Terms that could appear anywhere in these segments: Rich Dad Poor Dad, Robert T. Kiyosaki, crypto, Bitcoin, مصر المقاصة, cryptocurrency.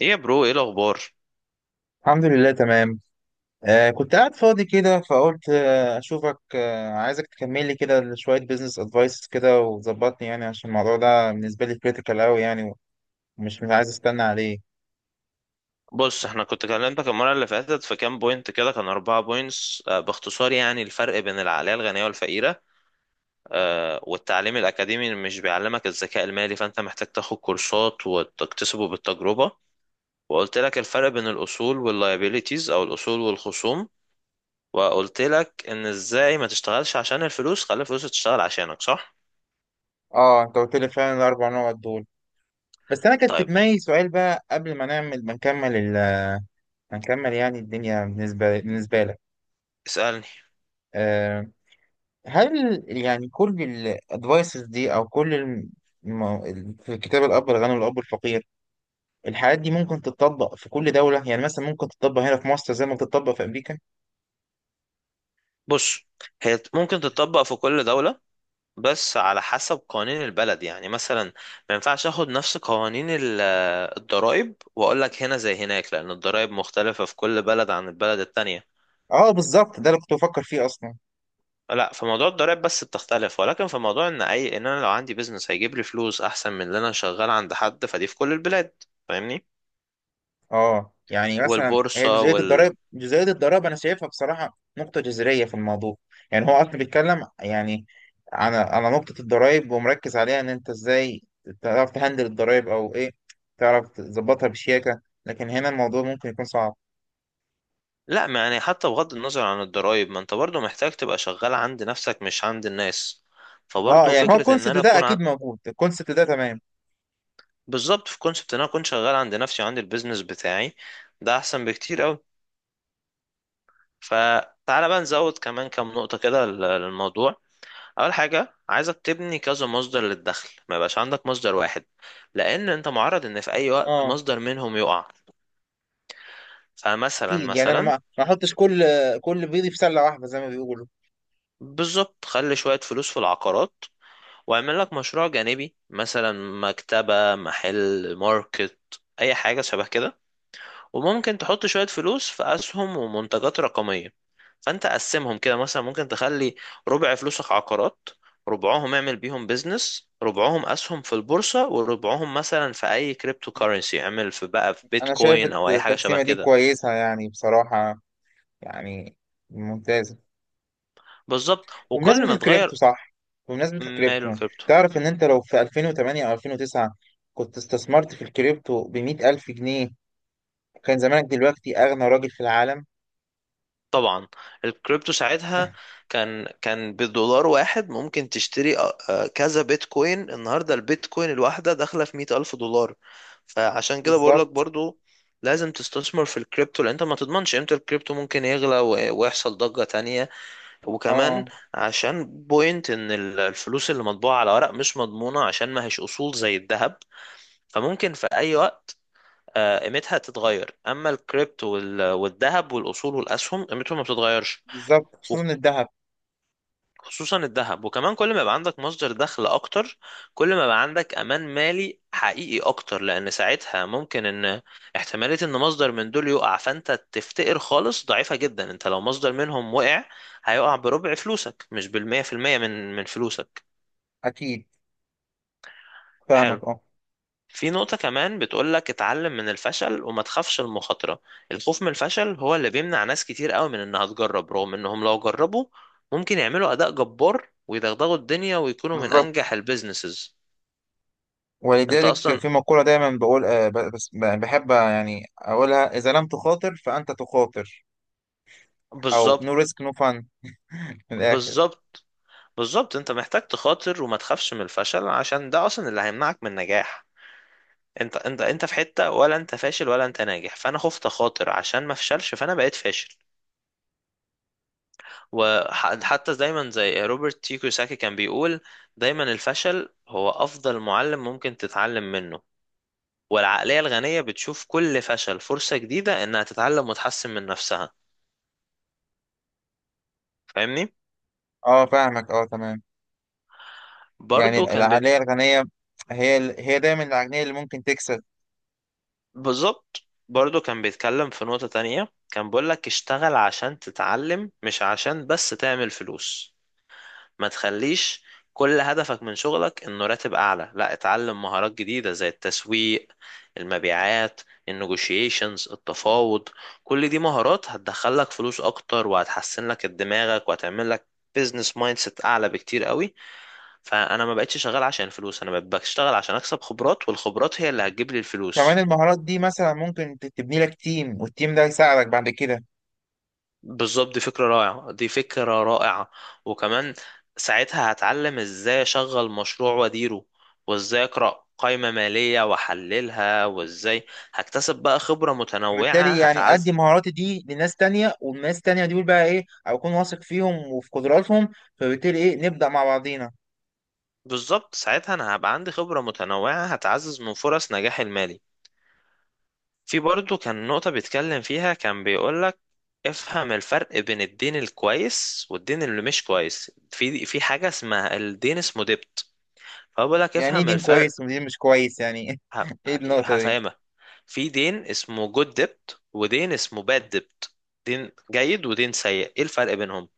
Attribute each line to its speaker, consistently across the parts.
Speaker 1: ايه يا برو، ايه الاخبار؟
Speaker 2: الحمد لله تمام. آه، كنت قاعد فاضي كده فقلت أشوفك، عايزك تكمل لي كده شوية بيزنس أدفايس كده وظبطني، يعني عشان الموضوع ده بالنسبة لي كريتيكال أوي يعني. ومش مش عايز أستنى عليه.
Speaker 1: بص، احنا كنت كلمتك المره اللي فاتت في كام بوينت كده، كان 4 بوينتس، باختصار يعني الفرق بين العقليه الغنيه والفقيره، والتعليم الاكاديمي اللي مش بيعلمك الذكاء المالي، فانت محتاج تاخد كورسات وتكتسبه بالتجربه. وقلت لك الفرق بين الاصول واللايبيليتيز او الاصول والخصوم. وقلت لك ان ازاي ما تشتغلش عشان الفلوس، خلي الفلوس تشتغل عشانك، صح؟
Speaker 2: أه، أنت قلت لي فعلا الأربع نقط دول. بس أنا كان في
Speaker 1: طيب،
Speaker 2: دماغي سؤال بقى، قبل ما نكمل، يعني الدنيا بالنسبة لك.
Speaker 1: اسالني.
Speaker 2: آه. هل يعني كل الأدفايسز دي، أو كل في كتاب الأب الغني والأب الفقير، الحاجات دي ممكن تتطبق في كل دولة؟ يعني مثلا ممكن تتطبق هنا في مصر زي ما بتتطبق في أمريكا.
Speaker 1: بص، هي ممكن تتطبق في كل دوله، بس على حسب قوانين البلد. يعني مثلا ما ينفعش اخد نفس قوانين الضرائب واقول لك هنا زي هناك، لان الضرائب مختلفة في كل بلد عن البلد التانية.
Speaker 2: اه، بالظبط، ده اللي كنت بفكر فيه أصلا.
Speaker 1: لا، في موضوع الضرائب بس بتختلف، ولكن في موضوع ان اي ان انا لو عندي بيزنس هيجيب لي فلوس احسن من اللي انا شغال عند حد، فدي في كل البلاد. فاهمني؟
Speaker 2: اه، يعني مثلا هي
Speaker 1: والبورصة وال...
Speaker 2: جزئية الضرائب أنا شايفها بصراحة نقطة جذرية في الموضوع. يعني هو أصلا بيتكلم، يعني على نقطة الضرائب، ومركز عليها إن أنت إزاي تعرف تهندل الضرائب، أو إيه، تعرف تظبطها بشياكة، لكن هنا الموضوع ممكن يكون صعب.
Speaker 1: لا، ما يعني حتى بغض النظر عن الضرائب، ما انت برضو محتاج تبقى شغال عند نفسك مش عند الناس.
Speaker 2: اه،
Speaker 1: فبرضو
Speaker 2: يعني هو
Speaker 1: فكرة ان
Speaker 2: الكونسيبت
Speaker 1: انا
Speaker 2: ده
Speaker 1: اكون،
Speaker 2: أكيد موجود، الكونسيبت ده تمام.
Speaker 1: بالظبط في كونسبت ان انا اكون شغال عند نفسي وعندي البيزنس بتاعي، ده احسن بكتير قوي. فتعالى بقى نزود كمان كام نقطة كده لل- للموضوع. اول حاجة عايزك تبني كذا مصدر للدخل، ما يبقاش عندك مصدر واحد، لان انت معرض ان في اي وقت
Speaker 2: اه،
Speaker 1: مصدر منهم يقع. فمثلا
Speaker 2: اكيد، يعني انا
Speaker 1: مثلا
Speaker 2: ما احطش كل بيضي في سله واحده، زي ما بيقولوا.
Speaker 1: بالظبط، خلي شوية فلوس في العقارات، واعمل لك مشروع جانبي، مثلا مكتبة، محل، ماركت، اي حاجة شبه كده. وممكن تحط شوية فلوس في أسهم ومنتجات رقمية. فأنت قسمهم كده، مثلا ممكن تخلي ربع فلوسك عقارات، ربعهم اعمل بيهم بيزنس، ربعهم أسهم في البورصة، وربعهم مثلا في أي كريبتو كارنسي اعمل في بقى في
Speaker 2: انا شايف
Speaker 1: بيتكوين أو أي حاجة شبه
Speaker 2: التقسيمه دي
Speaker 1: كده.
Speaker 2: كويسه، يعني بصراحه، يعني ممتازه.
Speaker 1: بالظبط، وكل
Speaker 2: بمناسبه
Speaker 1: ما
Speaker 2: الكريبتو،
Speaker 1: تغير.
Speaker 2: صح؟ بمناسبه
Speaker 1: ماله
Speaker 2: الكريبتو،
Speaker 1: الكريبتو؟
Speaker 2: تعرف ان انت لو في 2008 او 2009 كنت استثمرت في الكريبتو ب 100,000 جنيه، كان زمانك دلوقتي اغنى راجل في العالم.
Speaker 1: طبعا، الكريبتو ساعتها كان بدولار واحد ممكن تشتري كذا بيتكوين. النهارده البيتكوين الواحده داخله في 100 ألف دولار. فعشان كده بقول لك
Speaker 2: بالظبط.
Speaker 1: برضو لازم تستثمر في الكريبتو، لان انت ما تضمنش امتى الكريبتو ممكن يغلى ويحصل ضجة تانية. وكمان
Speaker 2: اه،
Speaker 1: عشان بوينت ان الفلوس اللي مطبوعة على ورق مش مضمونة، عشان ما هيش اصول زي الذهب. فممكن في اي وقت قيمتها تتغير، اما الكريبتو والذهب والاصول والاسهم قيمتهم ما بتتغيرش.
Speaker 2: بالظبط، خصوصا الذهب.
Speaker 1: خصوصا الذهب. وكمان كل ما يبقى عندك مصدر دخل اكتر، كل ما يبقى عندك امان مالي حقيقي اكتر، لان ساعتها ممكن ان احتمالية ان مصدر من دول يقع فانت تفتقر خالص ضعيفة جدا. انت لو مصدر منهم وقع، هيقع بربع فلوسك، مش بالمية في المية من فلوسك.
Speaker 2: اكيد،
Speaker 1: حلو.
Speaker 2: فاهمك، اه.
Speaker 1: في نقطة كمان بتقولك اتعلم من الفشل وما تخافش المخاطرة. الخوف من الفشل هو اللي بيمنع ناس كتير قوي من انها تجرب، رغم انهم لو جربوا ممكن يعملوا اداء جبار ويدغدغوا الدنيا ويكونوا من
Speaker 2: بالظبط،
Speaker 1: انجح البيزنسز. انت
Speaker 2: ولذلك
Speaker 1: اصلا،
Speaker 2: في مقولة دايما بقول، بس بحب يعني أقولها: إذا لم تخاطر فأنت تخاطر. أو نو
Speaker 1: بالظبط.
Speaker 2: ريسك نو فان، من الآخر.
Speaker 1: بالظبط، بالظبط، انت محتاج تخاطر وما تخافش من الفشل، عشان ده اصلا اللي هيمنعك من النجاح. انت في حتة ولا انت فاشل ولا انت ناجح، فانا خفت اخاطر عشان ما افشلش، فانا بقيت فاشل. وحتى دايما زي روبرت تي كيوساكي كان بيقول، دايما الفشل هو أفضل معلم ممكن تتعلم منه. والعقلية الغنية بتشوف كل فشل فرصة جديدة إنها تتعلم وتحسن من نفسها. فاهمني؟
Speaker 2: أه، فاهمك، أه، تمام. يعني
Speaker 1: برضو كان
Speaker 2: العقلية الغنية هي، هي دايما العقلية اللي ممكن تكسب.
Speaker 1: بالظبط. برضو كان بيتكلم في نقطة تانية، كان بيقول لك اشتغل عشان تتعلم، مش عشان بس تعمل فلوس. ما تخليش كل هدفك من شغلك انه راتب اعلى. لا، اتعلم مهارات جديدة زي التسويق، المبيعات، النيجوشيشنز، التفاوض. كل دي مهارات هتدخلك فلوس اكتر، وهتحسن لك دماغك، وهتعمل لك بيزنس مايند سيت اعلى بكتير قوي. فانا ما بقتش شغال عشان الفلوس، انا بقيت بشتغل عشان اكسب خبرات، والخبرات هي اللي هتجيب لي
Speaker 2: كمان
Speaker 1: الفلوس.
Speaker 2: المهارات دي مثلا ممكن تبني لك تيم، والتيم ده يساعدك بعد كده.
Speaker 1: بالظبط، دي فكرة رائعة، دي فكرة رائعة. وكمان ساعتها هتعلم ازاي اشغل مشروع واديره، وازاي اقرأ قائمة مالية واحللها، وازاي هكتسب بقى خبرة متنوعة
Speaker 2: فبالتالي يعني أدي
Speaker 1: هتعز.
Speaker 2: مهاراتي دي لناس تانية، والناس تانية دول بقى إيه، أكون واثق فيهم وفي قدراتهم، فبالتالي إيه، نبدأ مع بعضينا.
Speaker 1: بالظبط، ساعتها انا هبقى عندي خبرة متنوعة هتعزز من فرص نجاحي المالي. في برضه كان نقطة بيتكلم فيها كان بيقولك افهم الفرق بين الدين الكويس والدين اللي مش كويس. في حاجة اسمها الدين، اسمه ديبت، فبقول لك
Speaker 2: يعني إيه
Speaker 1: افهم
Speaker 2: دين
Speaker 1: الفرق.
Speaker 2: كويس ودين مش كويس يعني
Speaker 1: ه-
Speaker 2: إيه النقطة دي؟
Speaker 1: هفهمها. في دين اسمه جود ديبت ودين اسمه باد ديبت. دين جيد ودين سيء، ايه الفرق بينهم؟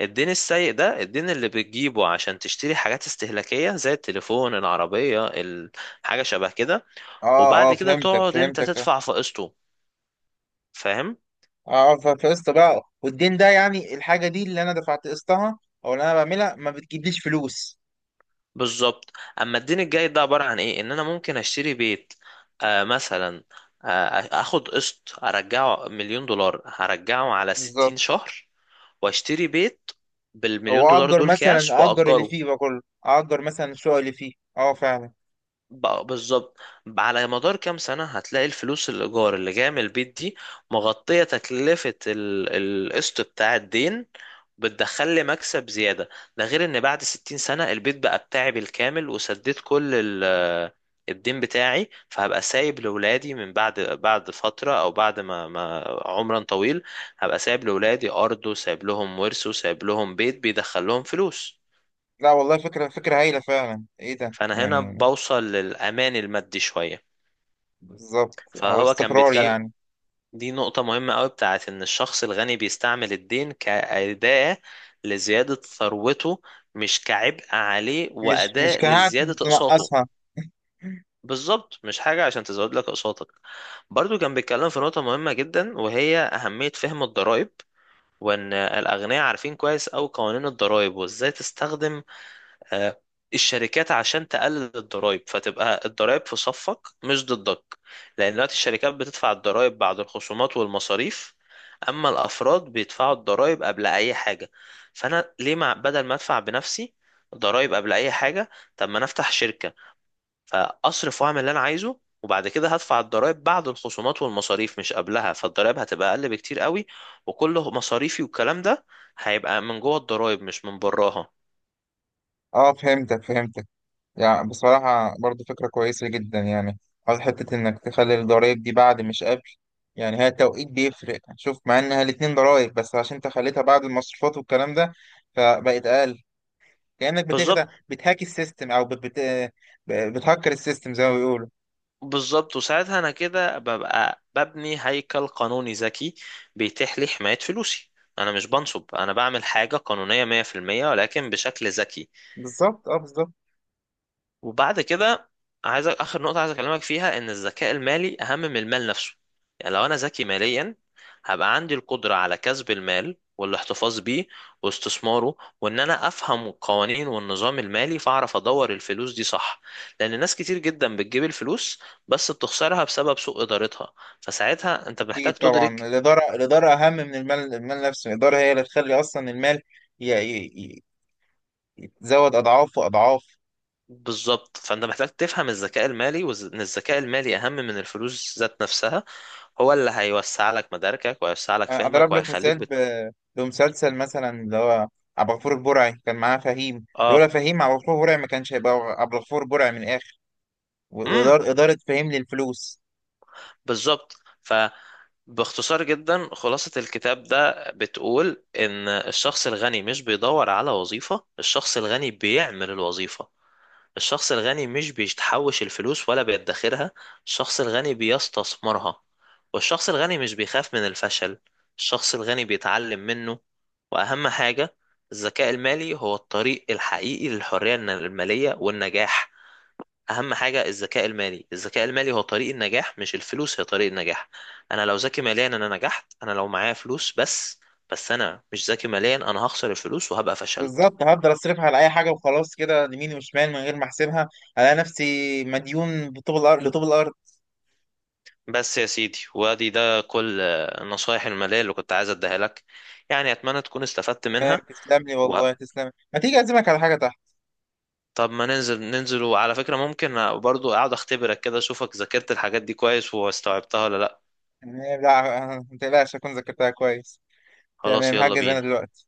Speaker 1: الدين السيء ده الدين اللي بتجيبه عشان تشتري حاجات استهلاكية زي التليفون، العربية، حاجة شبه كده.
Speaker 2: اه،
Speaker 1: وبعد
Speaker 2: اه،
Speaker 1: كده
Speaker 2: فهمتك،
Speaker 1: تقعد انت
Speaker 2: فهمتك، اه.
Speaker 1: تدفع في قسطه. فاهم؟
Speaker 2: اه، فقسط بقى، والدين ده يعني الحاجة دي اللي انا دفعت قسطها، او اللي انا بعملها ما بتجيبليش فلوس.
Speaker 1: بالظبط. اما الدين الجاي ده عباره عن ايه؟ ان انا ممكن اشتري بيت مثلا، آه اخد قسط ارجعه مليون دولار، هرجعه على
Speaker 2: بالظبط،
Speaker 1: 60 شهر، واشتري بيت
Speaker 2: او
Speaker 1: بالمليون دولار
Speaker 2: اجر
Speaker 1: دول كاش،
Speaker 2: مثلا، اجر اللي
Speaker 1: واجره.
Speaker 2: فيه بقى كله، اجر مثلا الشقق اللي فيه، اه فعلا.
Speaker 1: بالظبط، على مدار كام سنة هتلاقي الفلوس الإيجار اللي جاية من البيت دي مغطية تكلفة القسط بتاع الدين، بتدخل لي مكسب زيادة. ده غير إن بعد 60 سنة البيت بقى بتاعي بالكامل، وسديت كل الدين بتاعي، فهبقى سايب لأولادي من بعد فترة، أو بعد ما عمرا طويل، هبقى سايب لأولادي أرض، وسايب لهم ورث، وسايب لهم بيت بيدخل لهم فلوس.
Speaker 2: لا والله، فكرة، فكرة هايلة فعلا، ايه ده
Speaker 1: فأنا هنا
Speaker 2: يعني.
Speaker 1: بوصل للأمان المادي شوية.
Speaker 2: بالظبط، او
Speaker 1: فهو كان
Speaker 2: الاستقرار
Speaker 1: بيتكلم،
Speaker 2: يعني.
Speaker 1: دي نقطة مهمة قوي، بتاعت إن الشخص الغني بيستعمل الدين كأداة لزيادة ثروته، مش كعبء عليه
Speaker 2: مش
Speaker 1: وأداة
Speaker 2: كهات
Speaker 1: لزيادة أقساطه.
Speaker 2: تنقصها.
Speaker 1: بالظبط، مش حاجة عشان تزود لك أقساطك. برضو كان بيتكلم في نقطة مهمة جدا، وهي أهمية فهم الضرائب، وإن الأغنياء عارفين كويس أوي قوانين الضرائب، وإزاي تستخدم آه، الشركات عشان تقلل الضرائب، فتبقى الضرائب في صفك مش ضدك. لان دلوقتي الشركات بتدفع الضرائب بعد الخصومات والمصاريف، اما الافراد بيدفعوا الضرائب قبل اي حاجه. فانا ليه، ما بدل ما ادفع بنفسي ضرائب قبل اي حاجه، طب ما انا افتح شركه، فاصرف واعمل اللي انا عايزه، وبعد كده هدفع الضرائب بعد الخصومات والمصاريف مش قبلها، فالضرائب هتبقى اقل بكتير قوي. وكل مصاريفي والكلام ده هيبقى من جوه الضرائب مش من براها.
Speaker 2: اه، فهمتك، فهمتك. يعني بصراحة برضو فكرة كويسة جدا، يعني على حتة إنك تخلي الضرايب دي بعد مش قبل. يعني هي التوقيت بيفرق، شوف، مع إنها الاتنين ضرايب، بس عشان أنت خليتها بعد المصروفات والكلام ده فبقت أقل. كأنك بتخدع،
Speaker 1: بالظبط،
Speaker 2: بتهاك السيستم، أو بتهكر السيستم زي ما بيقولوا.
Speaker 1: بالظبط، وساعتها انا كده ببقى ببني هيكل قانوني ذكي بيتيح لي حماية فلوسي. انا مش بنصب، انا بعمل حاجة قانونية 100%، ولكن بشكل ذكي.
Speaker 2: بالظبط، أه، بالظبط.
Speaker 1: وبعد كده، عايز اخر نقطه عايز اكلمك فيها، ان الذكاء المالي اهم من المال نفسه. يعني لو انا ذكي ماليا، هبقى عندي القدره على كسب المال والاحتفاظ بيه واستثماره، وان انا افهم القوانين والنظام المالي، فاعرف ادور الفلوس دي صح. لان ناس كتير جدا بتجيب الفلوس، بس بتخسرها بسبب سوء ادارتها. فساعتها انت محتاج
Speaker 2: أكيد طبعا،
Speaker 1: تدرك،
Speaker 2: الإدارة الإدارة أهم من المال نفسه. الإدارة هي اللي تخلي أصلا المال ي... ي... ي- يتزود أضعاف وأضعاف.
Speaker 1: بالظبط. فانت محتاج تفهم الذكاء المالي، وان الذكاء المالي اهم من الفلوس ذات نفسها. هو اللي هيوسع لك مداركك وهيوسع لك فهمك
Speaker 2: اضرب لك
Speaker 1: وهيخليك
Speaker 2: مثال بمسلسل مثلا، اللي هو عبد الغفور البرعي، كان معاه فهيم، لولا
Speaker 1: اه.
Speaker 2: فهيم عبد الغفور البرعي ما كانش هيبقى عبد الغفور البرعي، من الاخر.
Speaker 1: امم،
Speaker 2: واداره، اداره فهيم للفلوس.
Speaker 1: بالظبط. فباختصار جدا، خلاصة الكتاب ده بتقول ان الشخص الغني مش بيدور على وظيفة، الشخص الغني بيعمل الوظيفة. الشخص الغني مش بيتحوش الفلوس ولا بيدخرها، الشخص الغني بيستثمرها. والشخص الغني مش بيخاف من الفشل، الشخص الغني بيتعلم منه. وأهم حاجة الذكاء المالي، هو الطريق الحقيقي للحرية المالية والنجاح. أهم حاجة الذكاء المالي، الذكاء المالي هو طريق النجاح، مش الفلوس هي طريق النجاح. أنا لو ذكي ماليا، أنا نجحت. أنا لو معايا فلوس بس، بس أنا مش ذكي ماليا، أنا هخسر الفلوس وهبقى فشلت.
Speaker 2: بالظبط، هفضل اصرفها على اي حاجه وخلاص كده، يمين وشمال، من غير ما احسبها، الاقي نفسي مديون بطوب الارض لطوب الارض.
Speaker 1: بس يا سيدي، وادي ده كل النصايح المالية اللي كنت عايز اديها لك. يعني اتمنى تكون استفدت
Speaker 2: تمام،
Speaker 1: منها.
Speaker 2: تسلم لي
Speaker 1: و...
Speaker 2: والله، تسلم، ما تيجي اعزمك على حاجه تحت.
Speaker 1: طب ما ننزل ننزل، وعلى فكرة ممكن برضو اقعد اختبرك كده، اشوفك ذاكرت الحاجات دي كويس واستوعبتها ولا لا.
Speaker 2: يعني لا، ما تقلقش، اكون ذاكرتها كويس.
Speaker 1: خلاص،
Speaker 2: تمام،
Speaker 1: يلا
Speaker 2: هجز انا
Speaker 1: بينا.
Speaker 2: دلوقتي.